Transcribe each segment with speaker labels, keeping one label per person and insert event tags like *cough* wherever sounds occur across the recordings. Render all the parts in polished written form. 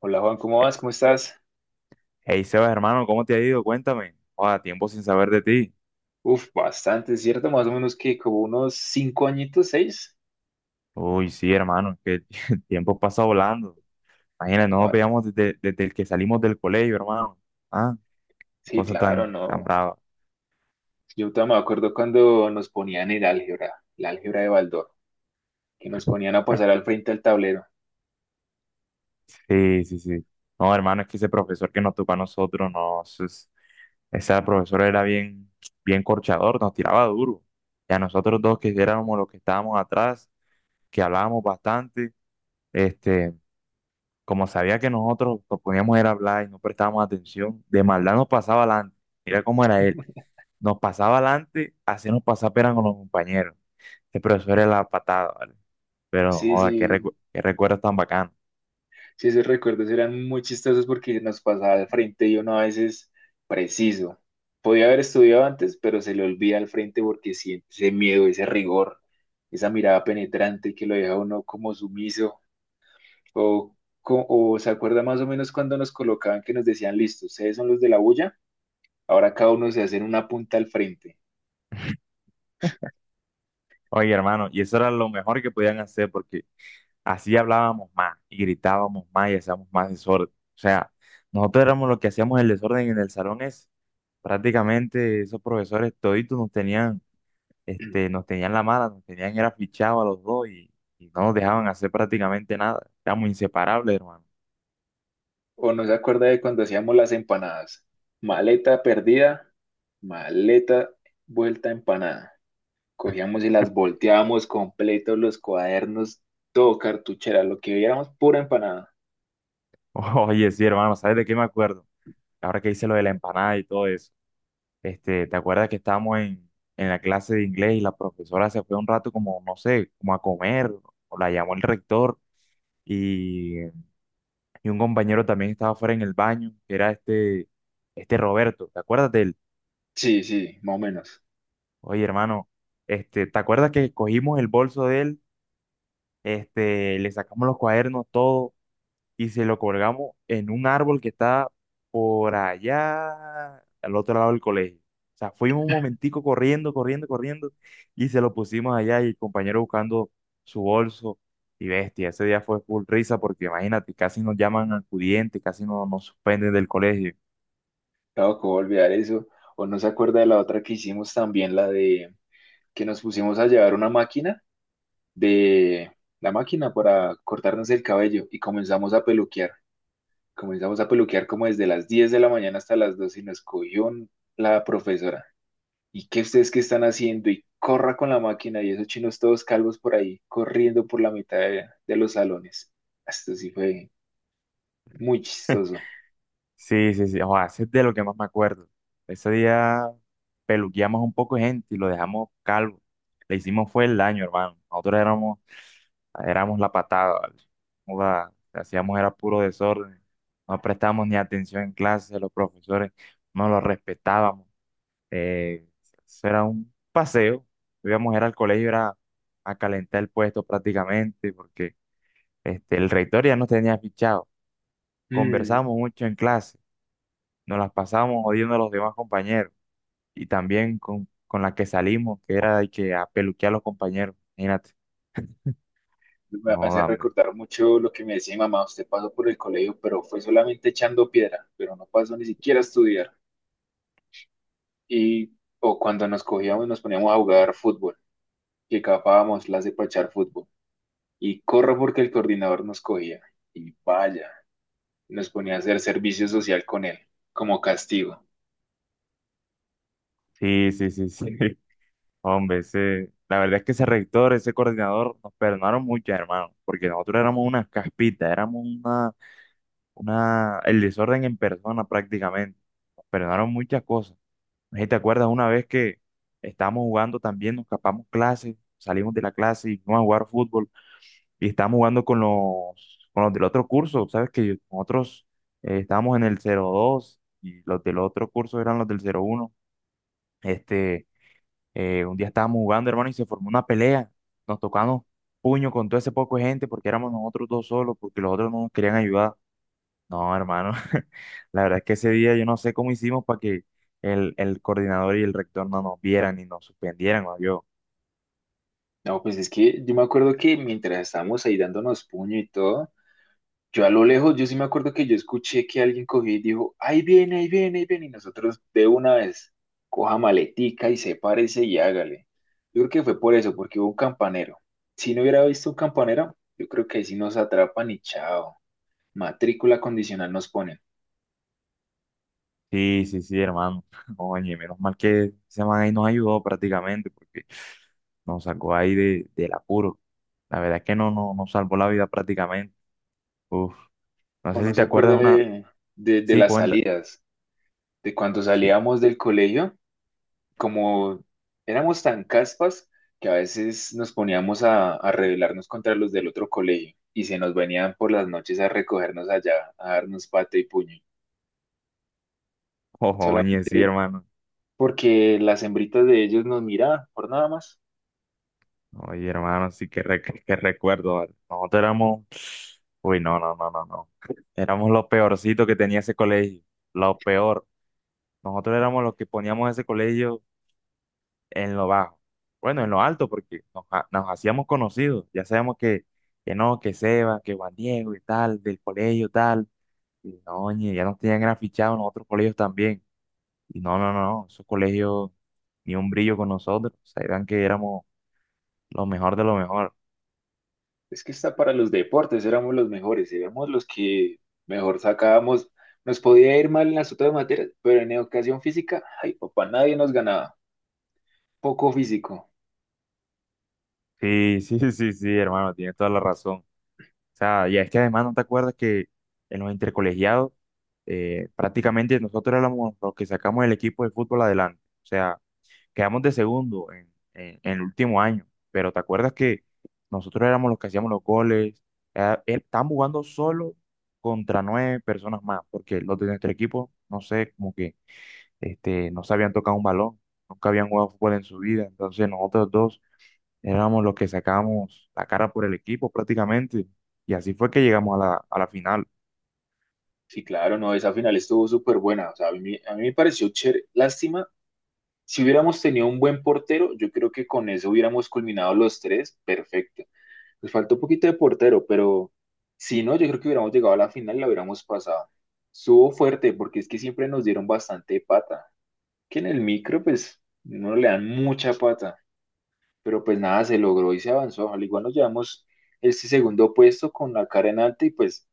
Speaker 1: Hola Juan, ¿cómo vas? ¿Cómo estás?
Speaker 2: Hey Sebas, hermano, ¿cómo te ha ido? Cuéntame. Joda, tiempo sin saber de ti.
Speaker 1: Uf, bastante, ¿cierto? Más o menos que como unos 5 añitos, 6.
Speaker 2: Uy, sí, hermano, es que *laughs* el tiempo pasa volando. Imagínate, no nos
Speaker 1: Ah,
Speaker 2: veíamos desde el que salimos del colegio, hermano. Ah, qué
Speaker 1: sí,
Speaker 2: cosa
Speaker 1: claro,
Speaker 2: tan
Speaker 1: no.
Speaker 2: brava.
Speaker 1: Yo todavía me acuerdo cuando nos ponían el álgebra, la álgebra de Baldor, que nos ponían a pasar
Speaker 2: *laughs*
Speaker 1: al frente al tablero.
Speaker 2: Sí. No, hermano, es que ese profesor que nos tocó a nosotros, no, ese profesor era bien corchador, nos tiraba duro. Y a nosotros dos que éramos los que estábamos atrás, que hablábamos bastante, este. Como sabía que nosotros nos poníamos era a hablar y no prestábamos atención, de maldad nos pasaba adelante. Mira cómo era él. Nos pasaba adelante, hacíamos pasar pena con los compañeros. Ese profesor era la patada, ¿vale? Pero,
Speaker 1: Sí,
Speaker 2: joda,
Speaker 1: sí,
Speaker 2: qué recuerdos tan bacanos.
Speaker 1: sí, esos recuerdos eran muy chistosos porque nos pasaba al frente y uno a veces preciso. Podía haber estudiado antes, pero se le olvida al frente porque siente ese miedo, ese rigor, esa mirada penetrante que lo deja a uno como sumiso. O, o se acuerda más o menos cuando nos colocaban que nos decían, listo, ustedes son los de la bulla, ahora cada uno se hace en una punta al frente.
Speaker 2: Oye, hermano, y eso era lo mejor que podían hacer porque así hablábamos más y gritábamos más y hacíamos más desorden. O sea, nosotros éramos los que hacíamos el desorden en el salón ese. Prácticamente esos profesores toditos nos
Speaker 1: *clears throat*
Speaker 2: tenían la mala, nos tenían era fichado a los dos y no nos dejaban hacer prácticamente nada. Éramos inseparables, hermano.
Speaker 1: O no se acuerda de cuando hacíamos las empanadas. Maleta perdida, maleta vuelta empanada. Cogíamos y las volteábamos completos, los cuadernos, todo cartuchera, lo que viéramos, pura empanada.
Speaker 2: *laughs* Oye, sí, hermano, ¿sabes de qué me acuerdo? Ahora que hice lo de la empanada y todo eso. ¿Te acuerdas que en la clase de inglés y la profesora se fue un rato como, no sé, como a comer, o la llamó el rector y, y un compañero también estaba fuera en el baño, que era este Roberto, ¿te acuerdas de él?
Speaker 1: Sí, sí, más o menos.
Speaker 2: Oye, hermano, ¿te acuerdas que cogimos el bolso de él? Le sacamos los cuadernos, todo, y se lo colgamos en un árbol que está por allá, al otro lado del colegio. O sea, fuimos un momentico corriendo, corriendo, y se lo pusimos allá, y el compañero buscando su bolso, y bestia, ese día fue full risa, porque imagínate, casi nos llaman acudientes, casi nos suspenden del colegio.
Speaker 1: Claro, ¿cómo olvidar eso? O no se acuerda de la otra que hicimos también, la de que nos pusimos a llevar una máquina de la máquina para cortarnos el cabello y comenzamos a peluquear. Comenzamos a peluquear como desde las 10 de la mañana hasta las 2 y nos cogió la profesora. ¿Y qué ustedes qué están haciendo? Y corra con la máquina y esos chinos todos calvos por ahí, corriendo por la mitad de los salones. Esto sí fue muy chistoso.
Speaker 2: Sí, sí, o sea, ese es de lo que más me acuerdo. Ese día peluqueamos un poco de gente y lo dejamos calvo. Le hicimos fue el daño, hermano. Nosotros éramos la patada, ¿vale? Joda, hacíamos era puro desorden, no prestábamos ni atención en clase, los profesores no los respetábamos, eh, eso era un paseo, íbamos era al colegio, era a calentar el puesto prácticamente, porque el rector ya nos tenía fichado,
Speaker 1: Mm,
Speaker 2: conversábamos mucho en clase, nos las pasábamos odiando a los demás compañeros, y también con la que salimos, que era de que a peluquear a los compañeros, imagínate,
Speaker 1: Me
Speaker 2: no,
Speaker 1: hace
Speaker 2: hombre,
Speaker 1: recordar mucho lo que me decía mi mamá, usted pasó por el colegio, pero fue solamente echando piedra, pero no pasó ni siquiera a estudiar. Y o cuando nos cogíamos, nos poníamos a jugar fútbol, que capábamos las de pachar fútbol. Y corro porque el coordinador nos cogía. Y vaya, nos ponía a hacer servicio social con él, como castigo.
Speaker 2: sí, sí, sí, *laughs* hombre, ese, la verdad es que ese rector, ese coordinador, nos perdonaron mucho, hermano, porque nosotros éramos unas caspitas, éramos una, el desorden en persona prácticamente. Nos perdonaron muchas cosas. No sé si te acuerdas una vez que estábamos jugando también, nos escapamos clases, salimos de la clase y fuimos a jugar fútbol y estábamos jugando con con los del otro curso, ¿sabes? Que nosotros estábamos en el cero dos y los del otro curso eran los del cero uno. Este un día estábamos jugando, hermano, y se formó una pelea. Nos tocamos puño con todo ese poco de gente porque éramos nosotros dos solos, porque los otros no nos querían ayudar. No, hermano, *laughs* la verdad es que ese día yo no sé cómo hicimos para que el coordinador y el rector no nos vieran ni nos suspendieran, o yo.
Speaker 1: No, pues es que yo me acuerdo que mientras estábamos ahí dándonos puño y todo, yo a lo lejos, yo sí me acuerdo que yo escuché que alguien cogió y dijo, ahí viene, ahí viene, ahí viene, y nosotros de una vez, coja maletica y sepárese y hágale. Yo creo que fue por eso, porque hubo un campanero. Si no hubiera visto un campanero, yo creo que ahí sí nos atrapan y chao, matrícula condicional nos ponen.
Speaker 2: Sí, sí, sí, hermano. *laughs* Oye, menos mal que ese man ahí nos ayudó prácticamente porque nos sacó ahí del apuro. La verdad es que no, nos salvó la vida prácticamente. Uf, no
Speaker 1: O
Speaker 2: sé
Speaker 1: no
Speaker 2: si
Speaker 1: se
Speaker 2: te acuerdas
Speaker 1: acuerda
Speaker 2: una.
Speaker 1: de, de
Speaker 2: Sí,
Speaker 1: las
Speaker 2: cuenta.
Speaker 1: salidas, de cuando
Speaker 2: Sí.
Speaker 1: salíamos del colegio como éramos tan caspas que a veces nos poníamos a rebelarnos contra los del otro colegio y se nos venían por las noches a recogernos allá, a darnos pata y puño,
Speaker 2: Oye, sí,
Speaker 1: solamente
Speaker 2: hermano.
Speaker 1: porque las hembritas de ellos nos miraban, por nada más.
Speaker 2: Oye, hermano, sí que recuerdo, ¿vale? Nosotros éramos. Uy, no, no, no, no, no. Éramos lo peorcito que tenía ese colegio. Lo peor. Nosotros éramos los que poníamos ese colegio en lo bajo. Bueno, en lo alto, porque nos hacíamos conocidos. Ya sabemos que no, que Seba, que Juan Diego y tal, del colegio tal. Y no, oye, ya nos tenían gran fichados en otros colegios también. Y no, no, no, no. Esos colegios ni un brillo con nosotros. O sea, eran que éramos lo mejor de lo mejor.
Speaker 1: Es que está para los deportes, éramos los mejores, éramos los que mejor sacábamos. Nos podía ir mal en las otras materias, pero en educación física, ay papá, nadie nos ganaba. Poco físico.
Speaker 2: Sí, sí, *laughs* sí, sí, hermano, tienes toda la razón. O sea, y es que además no te acuerdas que en los intercolegiados prácticamente nosotros éramos los que sacamos el equipo de fútbol adelante. O sea, quedamos de segundo en el último año, pero te acuerdas que nosotros éramos los que hacíamos los goles. Estaban jugando solo contra nueve personas más, porque los de nuestro equipo, no sé, como que no se habían tocado un balón, nunca habían jugado fútbol en su vida. Entonces nosotros dos éramos los que sacábamos la cara por el equipo prácticamente. Y así fue que llegamos a a la final.
Speaker 1: Sí, claro, no, esa final estuvo súper buena. O sea, a mí me pareció chévere. Lástima. Si hubiéramos tenido un buen portero, yo creo que con eso hubiéramos culminado los tres, perfecto. Nos faltó un poquito de portero, pero si no, yo creo que hubiéramos llegado a la final y la hubiéramos pasado. Estuvo fuerte porque es que siempre nos dieron bastante pata. Que en el micro, pues, no le dan mucha pata, pero pues nada, se logró y se avanzó. Al igual nos llevamos este segundo puesto con la cara en alta y pues,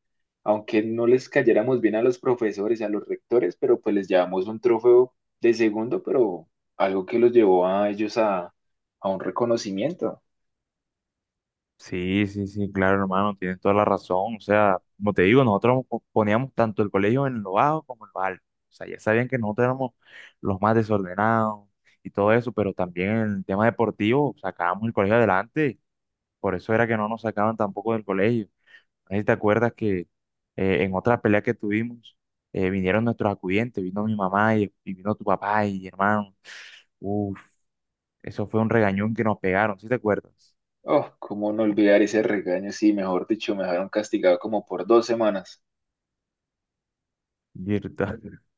Speaker 1: aunque no les cayéramos bien a los profesores, a los rectores, pero pues les llevamos un trofeo de segundo, pero algo que los llevó a ellos a un reconocimiento.
Speaker 2: Sí, sí, sí, claro, hermano, tienes toda la razón. O sea, como te digo, nosotros poníamos tanto el colegio en lo bajo como en lo alto. O sea, ya sabían que nosotros éramos los más desordenados y todo eso, pero también en el tema deportivo sacábamos el colegio adelante. Por eso era que no nos sacaban tampoco del colegio. No sé si te acuerdas que en otra pelea que tuvimos, vinieron nuestros acudientes, vino mi mamá y vino tu papá y mi hermano. Uf, eso fue un regañón que nos pegaron, ¿sí te acuerdas?
Speaker 1: Oh, cómo no olvidar ese regaño, sí, mejor dicho, me dejaron castigado como por 2 semanas.
Speaker 2: Virtual. *laughs*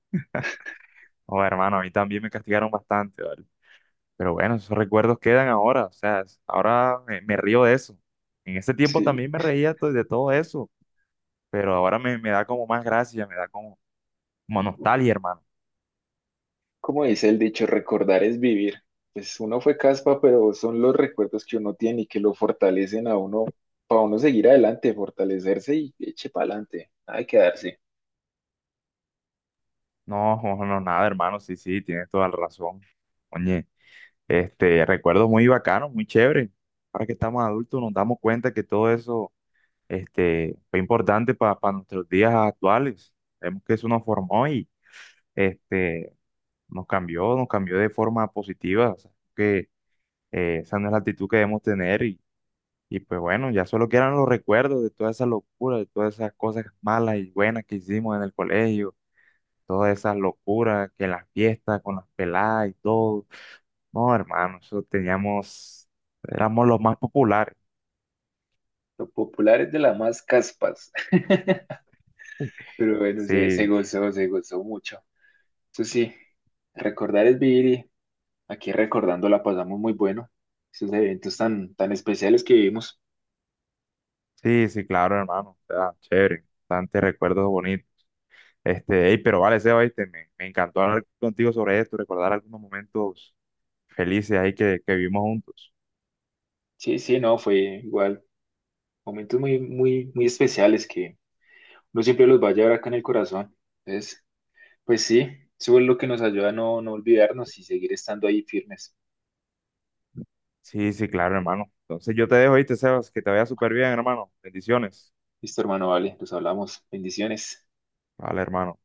Speaker 2: Oh, hermano, a mí también me castigaron bastante, ¿vale? Pero bueno, esos recuerdos quedan ahora, o sea, ahora me río de eso. En ese tiempo
Speaker 1: Sí.
Speaker 2: también me reía de todo eso, pero ahora me da como más gracia, me da como, como nostalgia, hermano.
Speaker 1: Como dice el dicho, recordar es vivir. Pues uno fue caspa, pero son los recuerdos que uno tiene y que lo fortalecen a uno, para uno seguir adelante, fortalecerse y eche para adelante, nada de quedarse.
Speaker 2: No, no, no, nada, hermano, sí, sí, tienes toda la razón. Oye, recuerdos muy bacanos, muy chévere. Ahora que estamos adultos nos damos cuenta que todo eso fue importante para nuestros días actuales. Vemos que eso nos formó y este, nos cambió de forma positiva. O sea, que esa no es la actitud que debemos tener y pues bueno, ya solo quedan los recuerdos de toda esa locura de todas esas cosas malas y buenas que hicimos en el colegio, todas esas locuras que en las fiestas con las peladas y todo. No, hermano, eso teníamos, éramos los más populares.
Speaker 1: Lo popular es de las más caspas, *laughs* pero bueno, se
Speaker 2: Sí,
Speaker 1: gozó, se gozó mucho. Eso sí, recordar es vivir y aquí recordando la pasamos muy bueno. Esos eventos tan, tan especiales que vivimos.
Speaker 2: sí, sí, claro, hermano. O sea, chévere, bastante recuerdos bonitos. Este, hey, pero vale, Seba, oíste, me encantó hablar contigo sobre esto, recordar algunos momentos felices ahí que vivimos juntos.
Speaker 1: Sí, sí, no, fue igual. Momentos muy, muy, muy especiales que uno siempre los va a llevar acá en el corazón. Entonces, pues sí, eso es lo que nos ayuda a no, no olvidarnos y seguir estando ahí firmes.
Speaker 2: Sí, sí, claro, hermano. Entonces yo te dejo, ¿viste, Sebas? Que te vaya súper bien, hermano. Bendiciones.
Speaker 1: Listo, hermano, vale, nos hablamos. Bendiciones.
Speaker 2: Vale, hermano.